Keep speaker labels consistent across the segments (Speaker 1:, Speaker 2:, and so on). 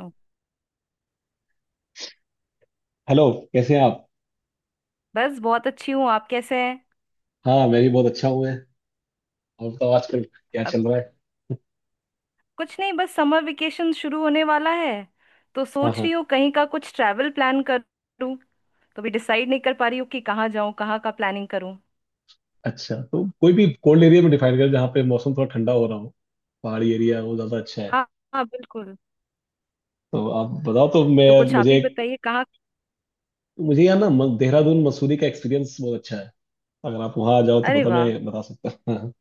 Speaker 1: ओ।
Speaker 2: Hello. कैसे हैं आप?
Speaker 1: बस बहुत अच्छी हूँ, आप कैसे हैं।
Speaker 2: हाँ, मैं भी बहुत अच्छा हूँ। मैं और बताओ, आजकल क्या
Speaker 1: अब
Speaker 2: चल रहा है?
Speaker 1: कुछ नहीं, बस समर वेकेशन शुरू होने वाला है। तो
Speaker 2: हाँ,
Speaker 1: सोच
Speaker 2: हाँ।
Speaker 1: रही हूँ कहीं का कुछ ट्रैवल प्लान करूँ। तो भी डिसाइड नहीं कर पा रही हूँ कि कहाँ जाऊँ, कहाँ का प्लानिंग करूँ।
Speaker 2: अच्छा, तो कोई भी कोल्ड एरिया में डिफाइन करें जहाँ पे मौसम थोड़ा ठंडा हो रहा हो। पहाड़ी एरिया वो ज़्यादा अच्छा है।
Speaker 1: हाँ हाँ, बिल्कुल।
Speaker 2: तो आप बताओ तो मैं...
Speaker 1: तो कुछ आप
Speaker 2: मुझे
Speaker 1: ही
Speaker 2: एक
Speaker 1: बताइए कहाँ।
Speaker 2: मुझे यहाँ ना देहरादून मसूरी का एक्सपीरियंस बहुत अच्छा है। अगर आप वहाँ आ जाओ तो
Speaker 1: अरे
Speaker 2: पता
Speaker 1: वाह,
Speaker 2: मैं बता सकता हूँ, हाँ।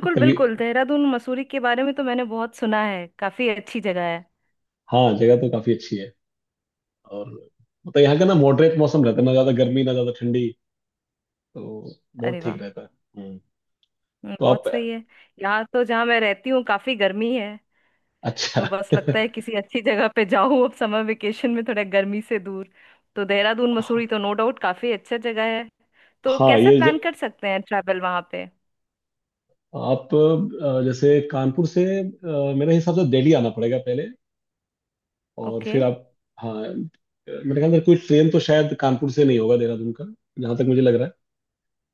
Speaker 2: तो कभी...
Speaker 1: बिल्कुल, देहरादून मसूरी के बारे में तो मैंने बहुत सुना है, काफी अच्छी जगह है।
Speaker 2: हाँ, जगह तो काफ़ी अच्छी है। और मतलब यहाँ का ना मॉडरेट मौसम रहता है, ना ज़्यादा गर्मी ना ज़्यादा ठंडी, तो बहुत
Speaker 1: अरे
Speaker 2: ठीक
Speaker 1: वाह।
Speaker 2: रहता है। हम्म। तो आप...
Speaker 1: बहुत सही है। यहाँ तो जहाँ मैं रहती हूँ काफी गर्मी है।
Speaker 2: अच्छा।
Speaker 1: तो बस लगता है किसी अच्छी जगह पे जाओ, अब समर वेकेशन में थोड़ा गर्मी से दूर। तो देहरादून मसूरी तो नो डाउट काफी अच्छा जगह है। तो
Speaker 2: हाँ
Speaker 1: कैसे
Speaker 2: ये
Speaker 1: प्लान कर सकते हैं ट्रैवल वहां पे।
Speaker 2: आप जैसे कानपुर से मेरे हिसाब से दिल्ली आना पड़ेगा पहले, और
Speaker 1: ओके।
Speaker 2: फिर आप... हाँ मेरे ख्याल से कोई ट्रेन तो शायद कानपुर से नहीं होगा देहरादून का, जहाँ तक मुझे लग रहा है।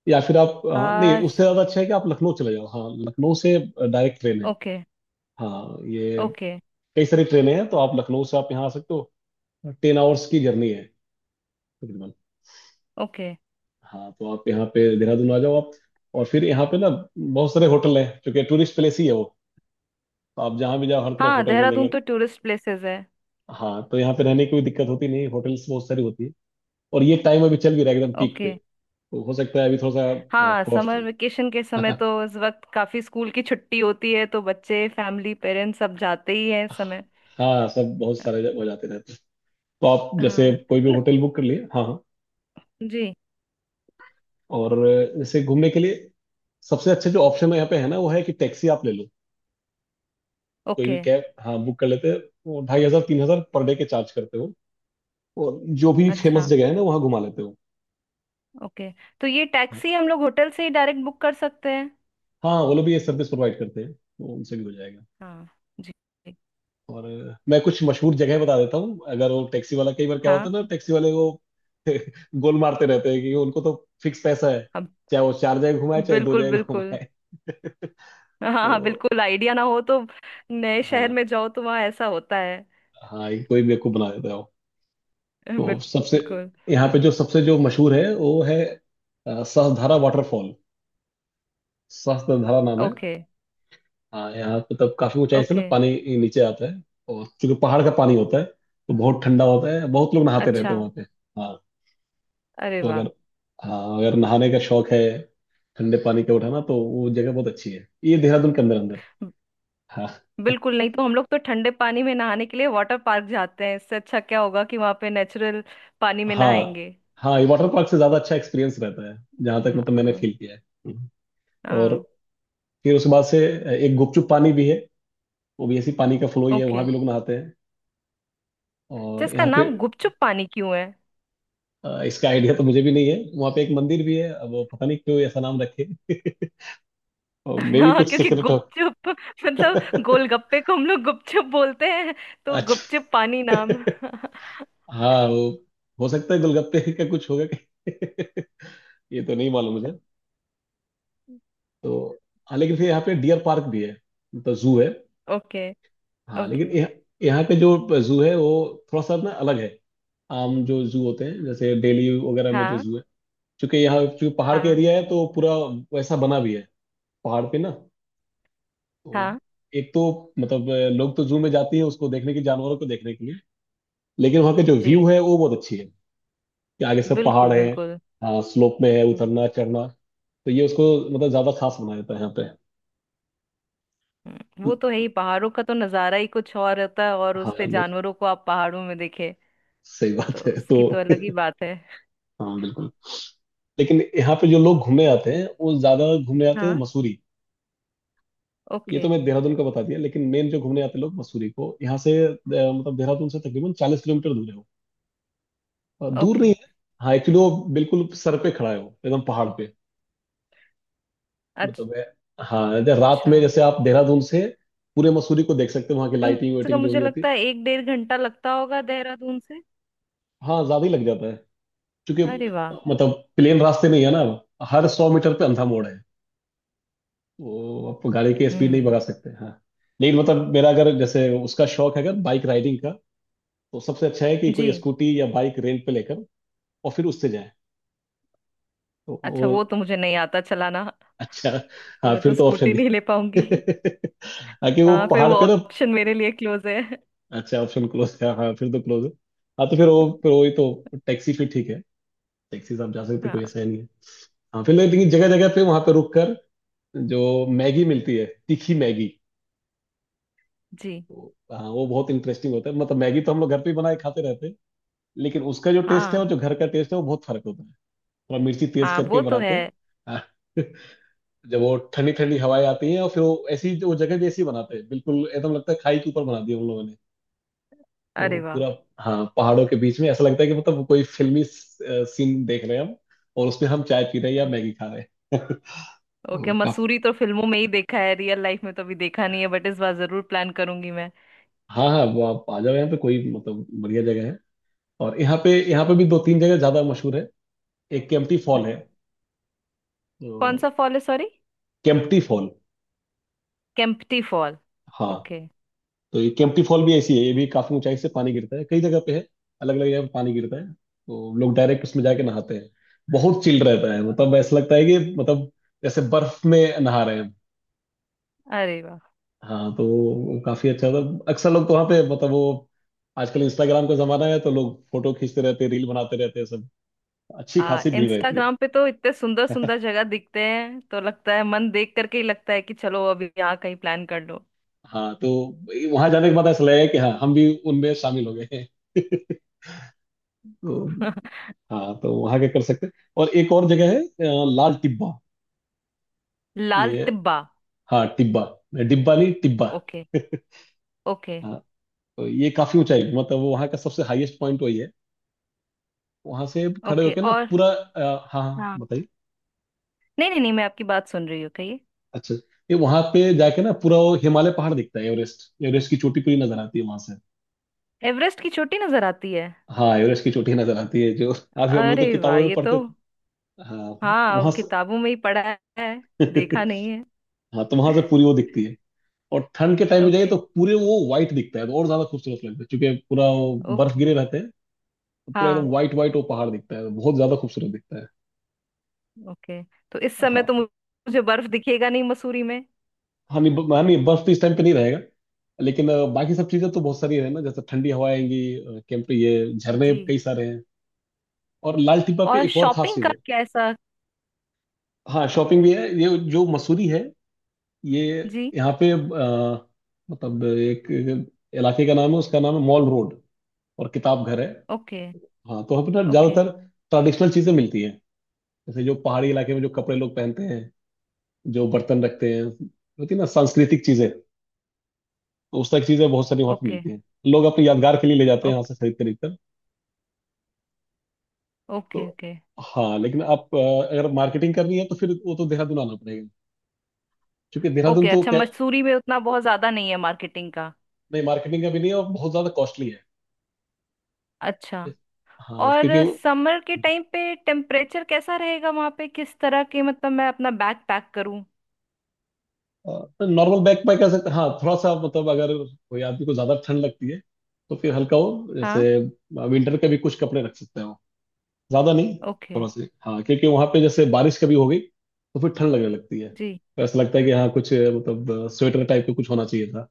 Speaker 2: या फिर आप... हाँ, नहीं,
Speaker 1: आ।
Speaker 2: उससे ज़्यादा अच्छा है कि आप लखनऊ चले जाओ। हाँ, लखनऊ से डायरेक्ट ट्रेन है।
Speaker 1: ओके।
Speaker 2: हाँ ये,
Speaker 1: ओके।
Speaker 2: कई सारी ट्रेनें हैं, तो आप लखनऊ से आप यहाँ आ सकते हो। 10 आवर्स की जर्नी है तकरीबन।
Speaker 1: ओके।
Speaker 2: हाँ तो आप यहाँ पे देहरादून आ जाओ आप, और फिर यहाँ पे ना बहुत सारे होटल हैं, क्योंकि टूरिस्ट प्लेस ही है वो। तो आप जहाँ भी जाओ हर तरफ
Speaker 1: हाँ,
Speaker 2: होटल मिलेंगे।
Speaker 1: देहरादून तो टूरिस्ट प्लेसेस है।
Speaker 2: हाँ, तो यहाँ पे रहने की कोई दिक्कत होती नहीं, होटल्स बहुत सारी होती है। और ये टाइम अभी चल भी रहा है एकदम पीक पे,
Speaker 1: ओके।
Speaker 2: तो हो सकता है अभी थोड़ा सा
Speaker 1: हाँ,
Speaker 2: कॉस्ट...
Speaker 1: समर वेकेशन के समय तो इस वक्त काफी स्कूल की छुट्टी होती है, तो बच्चे फैमिली पेरेंट्स सब जाते ही हैं इस समय।
Speaker 2: हाँ सब बहुत सारे जगह हो जाते रहते हैं। तो आप जैसे
Speaker 1: हाँ।
Speaker 2: कोई भी
Speaker 1: न-
Speaker 2: होटल बुक कर लिए, हाँ, हाँ।
Speaker 1: जी।
Speaker 2: और जैसे घूमने के लिए सबसे अच्छे जो ऑप्शन है यहाँ पे है ना, वो है कि टैक्सी आप ले लो, कोई भी
Speaker 1: ओके।
Speaker 2: कैब, हाँ, बुक कर लेते हैं। वो 2,500 3,000 पर डे के चार्ज करते हो। और जो भी फेमस
Speaker 1: अच्छा।
Speaker 2: जगह है ना वहाँ घुमा लेते हो।
Speaker 1: ओके। तो ये टैक्सी हम लोग होटल से ही डायरेक्ट बुक कर सकते हैं।
Speaker 2: हाँ, वो लोग भी ये सर्विस प्रोवाइड करते हैं तो उनसे भी हो जाएगा।
Speaker 1: हाँ। जी। जी।
Speaker 2: और मैं कुछ मशहूर जगह बता देता हूँ, अगर वो टैक्सी वाला... कई बार क्या होता
Speaker 1: हाँ।
Speaker 2: है ना, टैक्सी वाले वो गोल मारते रहते हैं, कि उनको तो फिक्स पैसा है,
Speaker 1: अब।
Speaker 2: चाहे वो चार जगह घुमाए चाहे दो
Speaker 1: बिल्कुल
Speaker 2: जगह
Speaker 1: बिल्कुल।
Speaker 2: घुमाए।
Speaker 1: हाँ हाँ,
Speaker 2: तो
Speaker 1: बिल्कुल आइडिया ना हो तो नए शहर
Speaker 2: हाँ,
Speaker 1: में जाओ तो वहाँ ऐसा होता है।
Speaker 2: हाँ ये कोई बेवकूफ बना देता है वो। तो सबसे...
Speaker 1: बिल्कुल।
Speaker 2: यहाँ पे जो सबसे जो मशहूर है वो है सहस्त्रधारा वाटरफॉल। सहस्त्रधारा नाम है।
Speaker 1: ओके।
Speaker 2: हाँ, यहाँ पे तब काफी ऊंचाई से ना
Speaker 1: ओके।
Speaker 2: पानी नीचे आता है। और चूंकि पहाड़ का पानी होता है तो बहुत ठंडा होता है, बहुत लोग नहाते रहते
Speaker 1: अच्छा।
Speaker 2: हैं वहाँ पे। हाँ।
Speaker 1: अरे
Speaker 2: तो
Speaker 1: वाह।
Speaker 2: अगर... हाँ, अगर नहाने का शौक है, ठंडे पानी का उठाना, तो वो जगह बहुत अच्छी है। ये देहरादून के अंदर अंदर।
Speaker 1: ब-
Speaker 2: हाँ।
Speaker 1: बिल्कुल। नहीं तो हम लोग तो ठंडे पानी में नहाने के लिए वाटर पार्क जाते हैं, इससे अच्छा क्या होगा कि वहाँ पे नेचुरल पानी में
Speaker 2: हाँ,
Speaker 1: नहाएंगे।
Speaker 2: हाँ ये वाटर पार्क से ज्यादा अच्छा एक्सपीरियंस रहता है, जहां तक मतलब मैंने
Speaker 1: हाँ।
Speaker 2: फील किया है। हम्म। और
Speaker 1: हाँ।
Speaker 2: फिर उसके बाद से एक गुपचुप पानी भी है। वो भी ऐसी पानी का फ्लो ही है,
Speaker 1: ओके।
Speaker 2: वहां भी लोग नहाते हैं।
Speaker 1: तो
Speaker 2: और
Speaker 1: इसका
Speaker 2: यहाँ पे...
Speaker 1: नाम गुपचुप पानी क्यों है।
Speaker 2: इसका आइडिया तो मुझे भी नहीं है। वहां पे एक मंदिर भी है, अब वो पता नहीं क्यों ऐसा नाम रखे। और मे भी
Speaker 1: हाँ,
Speaker 2: कुछ
Speaker 1: क्योंकि
Speaker 2: सीक्रेट हो।
Speaker 1: गुपचुप मतलब गोलगप्पे को हम लोग गुपचुप बोलते हैं, तो
Speaker 2: अच्छा।
Speaker 1: गुपचुप पानी नाम।
Speaker 2: हाँ वो, हो सकता है गोलगप्पे का कुछ होगा कि ये तो नहीं मालूम मुझे। तो हाँ, लेकिन फिर यहाँ
Speaker 1: जी।
Speaker 2: पे डियर पार्क भी है, मतलब जू है।
Speaker 1: ओके।
Speaker 2: हाँ लेकिन
Speaker 1: ओके।
Speaker 2: यह, यहाँ पे जो जू है वो थोड़ा सा ना अलग है। आम जो जू होते हैं जैसे दिल्ली वगैरह में जो
Speaker 1: हाँ।
Speaker 2: जू है, क्योंकि यहाँ चूंकि पहाड़ का
Speaker 1: हाँ।
Speaker 2: एरिया है तो पूरा वैसा बना भी है, पहाड़ पे ना। तो
Speaker 1: हाँ।
Speaker 2: एक तो मतलब लोग तो जू में जाते हैं उसको देखने के लिए, जानवरों को देखने के लिए, लेकिन वहाँ के जो व्यू
Speaker 1: जी।
Speaker 2: है वो बहुत अच्छी है, कि आगे सब पहाड़
Speaker 1: बिल्कुल
Speaker 2: है।
Speaker 1: बिल्कुल।
Speaker 2: हाँ, स्लोप में है,
Speaker 1: हम्म।
Speaker 2: उतरना चढ़ना। तो ये उसको मतलब ज्यादा खास बना देता है यहाँ पे।
Speaker 1: वो तो है ही, पहाड़ों का तो नज़ारा ही कुछ और होता है, और उस
Speaker 2: हाँ
Speaker 1: पे जानवरों को आप पहाड़ों में देखे
Speaker 2: सही
Speaker 1: तो
Speaker 2: बात है तो
Speaker 1: उसकी तो अलग ही बात है।
Speaker 2: हाँ बिल्कुल। लेकिन यहाँ पे जो लोग घूमने आते हैं वो ज्यादा घूमने आते हैं
Speaker 1: हाँ।
Speaker 2: मसूरी। ये
Speaker 1: ओके।
Speaker 2: तो मैं देहरादून का बता दिया, लेकिन मेन जो घूमने आते हैं लोग मसूरी को। यहाँ से मतलब देहरादून से तकरीबन 40 किलोमीटर दूर है वो। दूर
Speaker 1: ओके।
Speaker 2: नहीं है। हाँ एक्चुअली वो बिल्कुल सर पे खड़ा है, वो एकदम पहाड़ पे।
Speaker 1: अच्छा।
Speaker 2: मतलब है, हाँ, जैसे रात में जैसे आप देहरादून से पूरे मसूरी को देख सकते हो, वहाँ की
Speaker 1: कम
Speaker 2: लाइटिंग
Speaker 1: से कम
Speaker 2: वाइटिंग जो भी
Speaker 1: मुझे
Speaker 2: होती है।
Speaker 1: लगता है एक डेढ़ घंटा लगता होगा देहरादून से।
Speaker 2: हाँ, ज्यादा ही लग जाता है क्योंकि
Speaker 1: अरे वाह।
Speaker 2: मतलब प्लेन रास्ते नहीं है ना, हर 100 मीटर पे अंधा मोड़ है। वो आप गाड़ी की स्पीड नहीं बढ़ा
Speaker 1: हम्म।
Speaker 2: सकते, हाँ। लेकिन मतलब मेरा अगर जैसे उसका शौक है अगर बाइक राइडिंग का, तो सबसे अच्छा है कि
Speaker 1: जी।
Speaker 2: कोई स्कूटी या बाइक रेंट पे लेकर और फिर उससे जाए। तो
Speaker 1: अच्छा,
Speaker 2: वो...
Speaker 1: वो तो मुझे नहीं आता चलाना।
Speaker 2: अच्छा।
Speaker 1: तो
Speaker 2: हाँ
Speaker 1: मैं तो
Speaker 2: फिर तो ऑप्शन
Speaker 1: स्कूटी नहीं ले
Speaker 2: नहीं।
Speaker 1: पाऊंगी,
Speaker 2: आगे वो
Speaker 1: हाँ फिर
Speaker 2: पहाड़
Speaker 1: वो
Speaker 2: पे ना।
Speaker 1: ऑप्शन मेरे लिए क्लोज है।
Speaker 2: अच्छा ऑप्शन क्लोज है, हाँ फिर तो क्लोज है। हाँ तो फिर वो फिर वही तो टैक्सी फिर ठीक है, टैक्सी से आप जा सकते, कोई
Speaker 1: हाँ।
Speaker 2: ऐसा है नहीं है। हाँ फिर लेकिन जगह जगह पे वहां पे रुक कर जो मैगी मिलती है, तीखी मैगी,
Speaker 1: जी।
Speaker 2: तो हाँ वो बहुत इंटरेस्टिंग होता है। मतलब मैगी तो हम लोग घर पे ही बनाए खाते रहते हैं, लेकिन उसका जो टेस्ट है और
Speaker 1: हाँ।
Speaker 2: जो घर का टेस्ट है वो बहुत फर्क होता है, थोड़ा मिर्ची तेज
Speaker 1: हाँ, वो
Speaker 2: करके
Speaker 1: तो
Speaker 2: बनाते
Speaker 1: है।
Speaker 2: हैं। हाँ। जब वो ठंडी ठंडी हवाएं आती हैं और फिर वो ऐसी वो जगह भी ऐसी बनाते हैं, बिल्कुल एकदम लगता है खाई के ऊपर बना दिया उन लोगों ने। तो
Speaker 1: अरे वाह।
Speaker 2: पूरा... हाँ पहाड़ों के बीच में ऐसा लगता है कि मतलब कोई फिल्मी सीन देख रहे हैं हम, और उसमें हम चाय पी रहे हैं या
Speaker 1: ओके।
Speaker 2: मैगी खा रहे हैं।
Speaker 1: ओके,
Speaker 2: तो
Speaker 1: मसूरी तो फिल्मों में ही देखा है, रियल लाइफ में तो अभी देखा नहीं है, बट इस बार जरूर प्लान करूंगी मैं।
Speaker 2: हाँ, हाँ वो आप आ जाओ यहाँ पे, कोई मतलब बढ़िया जगह है। और यहाँ पे भी दो तीन जगह ज्यादा मशहूर है। एक केम्प्टी फॉल है
Speaker 1: कौन
Speaker 2: तो...
Speaker 1: सा फॉल है, sorry.
Speaker 2: Kempty fall.
Speaker 1: Kempty fall.
Speaker 2: हाँ
Speaker 1: ओके।
Speaker 2: तो ये केम्प्टी फॉल भी ऐसी है, ये भी काफी ऊंचाई से पानी गिरता है, कई जगह पे है, अलग अलग जगह पे पानी गिरता है, तो लोग डायरेक्ट उसमें जाके नहाते हैं। बहुत चिल्ड रहता है,
Speaker 1: ओके।
Speaker 2: मतलब ऐसा लगता है कि मतलब जैसे बर्फ में नहा रहे हैं।
Speaker 1: अरे वाह।
Speaker 2: हाँ, तो वो काफी अच्छा था। अक्सर लोग तो वहाँ पे मतलब वो आजकल इंस्टाग्राम का जमाना है, तो लोग फोटो खींचते रहते हैं रील बनाते रहते हैं सब, अच्छी
Speaker 1: हाँ,
Speaker 2: खासी भीड़ रहती
Speaker 1: इंस्टाग्राम पे तो इतने सुंदर
Speaker 2: है।
Speaker 1: सुंदर जगह दिखते हैं, तो लगता है मन देख करके ही लगता है कि चलो अभी यहाँ कहीं प्लान कर लो।
Speaker 2: हाँ तो वहां जाने के बाद ऐसा लगेगा कि हाँ हम भी उनमें शामिल हो गए हैं। तो हाँ तो वहां क्या कर सकते हैं। और एक और जगह है लाल टिब्बा।
Speaker 1: लाल
Speaker 2: ये...
Speaker 1: टिब्बा।
Speaker 2: हाँ टिब्बा, डिब्बा नहीं टिब्बा।
Speaker 1: ओके।
Speaker 2: हाँ
Speaker 1: ओके।
Speaker 2: तो ये काफी ऊंचाई, मतलब वो वहाँ का सबसे हाईएस्ट पॉइंट वही है। वहां से खड़े
Speaker 1: ओके
Speaker 2: होके ना
Speaker 1: और।
Speaker 2: पूरा हाँ हाँ,
Speaker 1: हाँ।
Speaker 2: बताइए।
Speaker 1: नहीं नहीं नहीं, मैं आपकी बात सुन रही हूँ, कहिए।
Speaker 2: अच्छा, ये वहां पे जाके ना पूरा वो हिमालय पहाड़ दिखता है, एवरेस्ट एवरेस्ट की चोटी पूरी नजर आती है वहां से।
Speaker 1: एवरेस्ट की चोटी नजर आती है।
Speaker 2: हाँ एवरेस्ट की चोटी नजर आती है, जो अभी हम लोग तो
Speaker 1: अरे
Speaker 2: किताबों
Speaker 1: वाह,
Speaker 2: में
Speaker 1: ये तो।
Speaker 2: पढ़ते थे। हाँ
Speaker 1: हाँ, अब
Speaker 2: वहां से
Speaker 1: किताबों में ही पढ़ा है, देखा नहीं है।
Speaker 2: हाँ तो वहां से पूरी वो दिखती है। और ठंड के टाइम में जाइए
Speaker 1: ओके।
Speaker 2: तो पूरे वो व्हाइट दिखता है, तो और ज्यादा खूबसूरत लगता है क्योंकि पूरा वो बर्फ
Speaker 1: ओके।
Speaker 2: गिरे रहते हैं। तो पूरा एकदम
Speaker 1: हाँ।
Speaker 2: व्हाइट व्हाइट वो पहाड़ दिखता है, बहुत ज्यादा खूबसूरत दिखता है।
Speaker 1: ओके, तो इस समय तो
Speaker 2: हाँ।
Speaker 1: मुझे बर्फ दिखेगा नहीं मसूरी में।
Speaker 2: हाँ नहीं हाँ, नहीं बर्फ तो इस टाइम पे नहीं रहेगा। लेकिन बाकी सब चीजें तो बहुत सारी है ना, जैसे ठंडी हवाएं आएंगी, कैंप पे ये झरने
Speaker 1: जी।
Speaker 2: कई सारे हैं। और लाल टिब्बा पे
Speaker 1: और
Speaker 2: एक और खास
Speaker 1: शॉपिंग
Speaker 2: चीज
Speaker 1: का
Speaker 2: है।
Speaker 1: कैसा।
Speaker 2: हाँ शॉपिंग भी है। ये जो मसूरी है, ये
Speaker 1: जी।
Speaker 2: यहाँ पे मतलब एक इलाके का नाम है, उसका नाम है मॉल रोड, और किताब घर है।
Speaker 1: ओके।
Speaker 2: हाँ तो वहाँ पे ना
Speaker 1: ओके।
Speaker 2: ज्यादातर ट्रेडिशनल चीजें मिलती हैं, जैसे जो पहाड़ी इलाके में जो कपड़े लोग पहनते हैं, जो बर्तन रखते हैं, होती है ना सांस्कृतिक चीजें, तो उस तरह की चीज़ें बहुत सारी वहाँ पे
Speaker 1: ओके।
Speaker 2: मिलती हैं। लोग अपने यादगार के लिए ले जाते हैं यहाँ
Speaker 1: ओके।
Speaker 2: से खरीद खरीद कर।
Speaker 1: ओके।
Speaker 2: तो
Speaker 1: ओके।
Speaker 2: हाँ लेकिन आप अगर मार्केटिंग करनी है तो फिर वो तो देहरादून आना पड़ेगा, क्योंकि देहरादून
Speaker 1: ओके,
Speaker 2: तो
Speaker 1: अच्छा
Speaker 2: क्या...
Speaker 1: मसूरी में उतना बहुत ज्यादा नहीं है मार्केटिंग का।
Speaker 2: नहीं मार्केटिंग का भी नहीं है, और बहुत ज़्यादा कॉस्टली है।
Speaker 1: अच्छा।
Speaker 2: Yes. हाँ
Speaker 1: और
Speaker 2: क्योंकि...
Speaker 1: समर के टाइम पे टेम्परेचर कैसा रहेगा वहां पे, किस तरह के मतलब मैं अपना बैग पैक करूं।
Speaker 2: नॉर्मल बैग पैक ऐसे, हाँ थोड़ा सा मतलब अगर कोई आदमी को ज्यादा ठंड लगती है तो फिर हल्का हो, जैसे
Speaker 1: हाँ।
Speaker 2: विंटर के भी कुछ कपड़े रख सकते हैं, ज्यादा नहीं,
Speaker 1: ओके।
Speaker 2: थोड़ा से, हाँ क्योंकि वहां पे जैसे बारिश कभी हो गई तो फिर ठंड लगने लगती है,
Speaker 1: जी।
Speaker 2: तो ऐसा लगता है कि हाँ कुछ मतलब स्वेटर टाइप का कुछ होना चाहिए था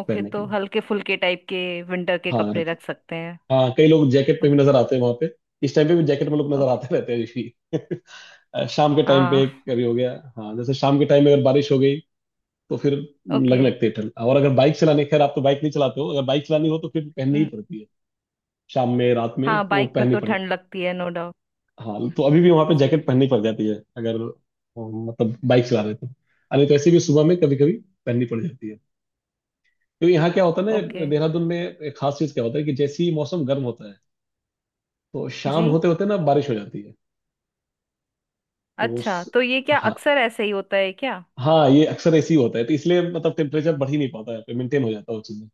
Speaker 1: ओके,
Speaker 2: पहनने के
Speaker 1: तो
Speaker 2: लिए।
Speaker 1: हल्के फुल्के टाइप के विंटर के
Speaker 2: हाँ
Speaker 1: कपड़े
Speaker 2: रहते,
Speaker 1: रख सकते हैं।
Speaker 2: हाँ कई लोग जैकेट पे भी
Speaker 1: ओके।
Speaker 2: नजर आते हैं वहां पे, इस टाइम पे भी जैकेट में लोग नजर
Speaker 1: ओके।
Speaker 2: आते रहते हैं यूजली। शाम के टाइम पे
Speaker 1: हाँ।
Speaker 2: कभी हो गया, हाँ जैसे शाम के टाइम में अगर बारिश हो गई तो फिर
Speaker 1: ओके।
Speaker 2: लगने लगती है ठंड। और अगर बाइक चलाने... खैर आप तो बाइक नहीं चलाते हो, अगर बाइक चलानी हो तो फिर पहननी ही
Speaker 1: हम्म,
Speaker 2: पड़ती है, शाम में रात में
Speaker 1: हाँ
Speaker 2: वो
Speaker 1: बाइक में
Speaker 2: पहननी
Speaker 1: तो
Speaker 2: पड़े।
Speaker 1: ठंड लगती है नो डाउट।
Speaker 2: हाँ तो अभी भी वहां पे जैकेट पहननी पड़ जाती है अगर मतलब बाइक चला रहे तो, अरे तो ऐसे भी सुबह में कभी कभी पहननी पड़ जाती है। तो यहाँ क्या होता है ना
Speaker 1: ओके।
Speaker 2: देहरादून में, एक खास चीज क्या होता है कि जैसे ही मौसम गर्म होता है, तो शाम
Speaker 1: जी।
Speaker 2: होते होते ना बारिश हो जाती है। तो
Speaker 1: अच्छा,
Speaker 2: उस...
Speaker 1: तो ये क्या
Speaker 2: हाँ,
Speaker 1: अक्सर ऐसे ही होता है क्या।
Speaker 2: हाँ ये अक्सर ऐसे ही होता है, तो इसलिए मतलब टेम्परेचर बढ़ ही नहीं पाता है, मेंटेन हो जाता है वो चीज़ें।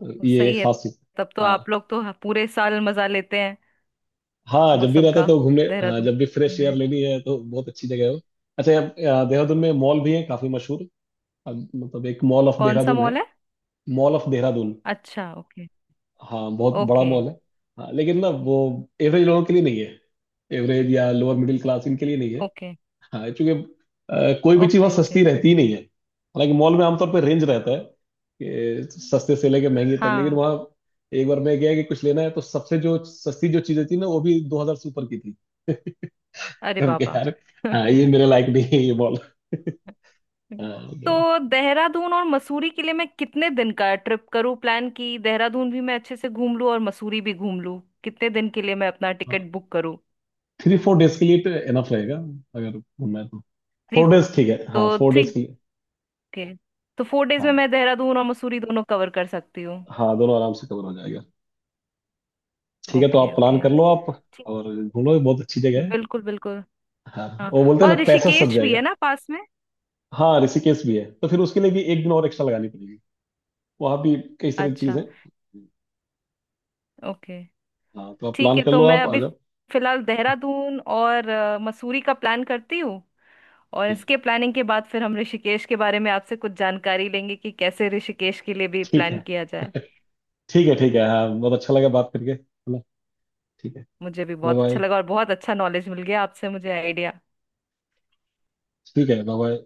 Speaker 2: तो
Speaker 1: ओ,
Speaker 2: ये
Speaker 1: सही
Speaker 2: एक
Speaker 1: है।
Speaker 2: खास चीज।
Speaker 1: तब तो
Speaker 2: हाँ,
Speaker 1: आप लोग तो पूरे साल मजा लेते हैं
Speaker 2: हाँ जब भी
Speaker 1: मौसम
Speaker 2: रहता है
Speaker 1: का,
Speaker 2: तो घूमने, हाँ
Speaker 1: देहरादून
Speaker 2: जब भी फ्रेश एयर
Speaker 1: में।
Speaker 2: लेनी है तो बहुत अच्छी जगह है वो। अच्छा, यहाँ देहरादून में मॉल भी है काफी मशहूर, अब मतलब एक मॉल ऑफ
Speaker 1: कौन सा
Speaker 2: देहरादून
Speaker 1: मॉल
Speaker 2: है।
Speaker 1: है।
Speaker 2: Mall of Dehradun.
Speaker 1: अच्छा, ओके।
Speaker 2: हाँ बहुत बड़ा
Speaker 1: ओके।
Speaker 2: मॉल है। हाँ लेकिन ना वो एवरेज लोगों के लिए नहीं है, एवरेज या लोअर मिडिल क्लास इनके लिए नहीं है।
Speaker 1: ओके।
Speaker 2: हाँ क्योंकि कोई भी चीज़ वहाँ
Speaker 1: ओके। ओके।
Speaker 2: सस्ती रहती ही नहीं है, हालांकि मॉल में आमतौर पर रेंज रहता है, कि सस्ते से लेके महंगे तक, लेकिन
Speaker 1: हाँ।
Speaker 2: वहाँ एक बार मैं गया कि कुछ लेना है तो सबसे जो सस्ती जो चीजें थी ना वो भी 2,000 से ऊपर की थी।
Speaker 1: अरे
Speaker 2: हम कहे
Speaker 1: बाबा।
Speaker 2: यार, हाँ ये मेरे लायक नहीं है ये मॉल।
Speaker 1: तो देहरादून और मसूरी के लिए मैं कितने दिन का ट्रिप करूँ प्लान की, देहरादून भी मैं अच्छे से घूम लूँ और मसूरी भी घूम लूँ, कितने दिन के लिए मैं अपना
Speaker 2: हाँ
Speaker 1: टिकट बुक करूँ।
Speaker 2: 3-4 डेज के लिए तो एनफ रहेगा, अगर घूमना है तो।
Speaker 1: 3।
Speaker 2: फोर डेज ठीक है,
Speaker 1: तो
Speaker 2: हाँ फोर
Speaker 1: 3।
Speaker 2: डेज के लिए।
Speaker 1: ओके, तो 4 डेज में
Speaker 2: हाँ,
Speaker 1: मैं देहरादून और मसूरी दोनों कवर कर सकती हूँ।
Speaker 2: हाँ दोनों आराम से कवर हो जाएगा। ठीक है तो
Speaker 1: ओके।
Speaker 2: आप प्लान
Speaker 1: ओके।
Speaker 2: कर लो आप,
Speaker 1: ठीक।
Speaker 2: और घूमो, बहुत अच्छी जगह है।
Speaker 1: बिल्कुल बिल्कुल।
Speaker 2: हाँ
Speaker 1: हाँ,
Speaker 2: वो बोलते हैं
Speaker 1: और
Speaker 2: ना पैसा सद
Speaker 1: ऋषिकेश भी
Speaker 2: जाएगा।
Speaker 1: है ना पास में।
Speaker 2: हाँ ऋषिकेश भी है, तो फिर उसके लिए भी एक दिन और एक्स्ट्रा लगानी पड़ेगी, वहाँ भी कई सारी चीज़
Speaker 1: अच्छा।
Speaker 2: है।
Speaker 1: ओके।
Speaker 2: हाँ तो आप
Speaker 1: ठीक
Speaker 2: प्लान
Speaker 1: है,
Speaker 2: कर
Speaker 1: तो
Speaker 2: लो
Speaker 1: मैं
Speaker 2: आप आ
Speaker 1: अभी
Speaker 2: जाओ।
Speaker 1: फिलहाल देहरादून और मसूरी का प्लान करती हूँ, और
Speaker 2: जी जी।
Speaker 1: इसके प्लानिंग के बाद फिर हम ऋषिकेश के बारे में आपसे कुछ जानकारी लेंगे कि कैसे ऋषिकेश के लिए भी
Speaker 2: ठीक
Speaker 1: प्लान
Speaker 2: है,
Speaker 1: किया जाए।
Speaker 2: ठीक है, ठीक है। हाँ बहुत अच्छा लगा बात करके, है ना? ठीक है,
Speaker 1: मुझे भी
Speaker 2: बाय
Speaker 1: बहुत
Speaker 2: बाय।
Speaker 1: अच्छा लगा और बहुत अच्छा नॉलेज मिल गया आपसे मुझे, आइडिया।
Speaker 2: ठीक है, बाय बाय।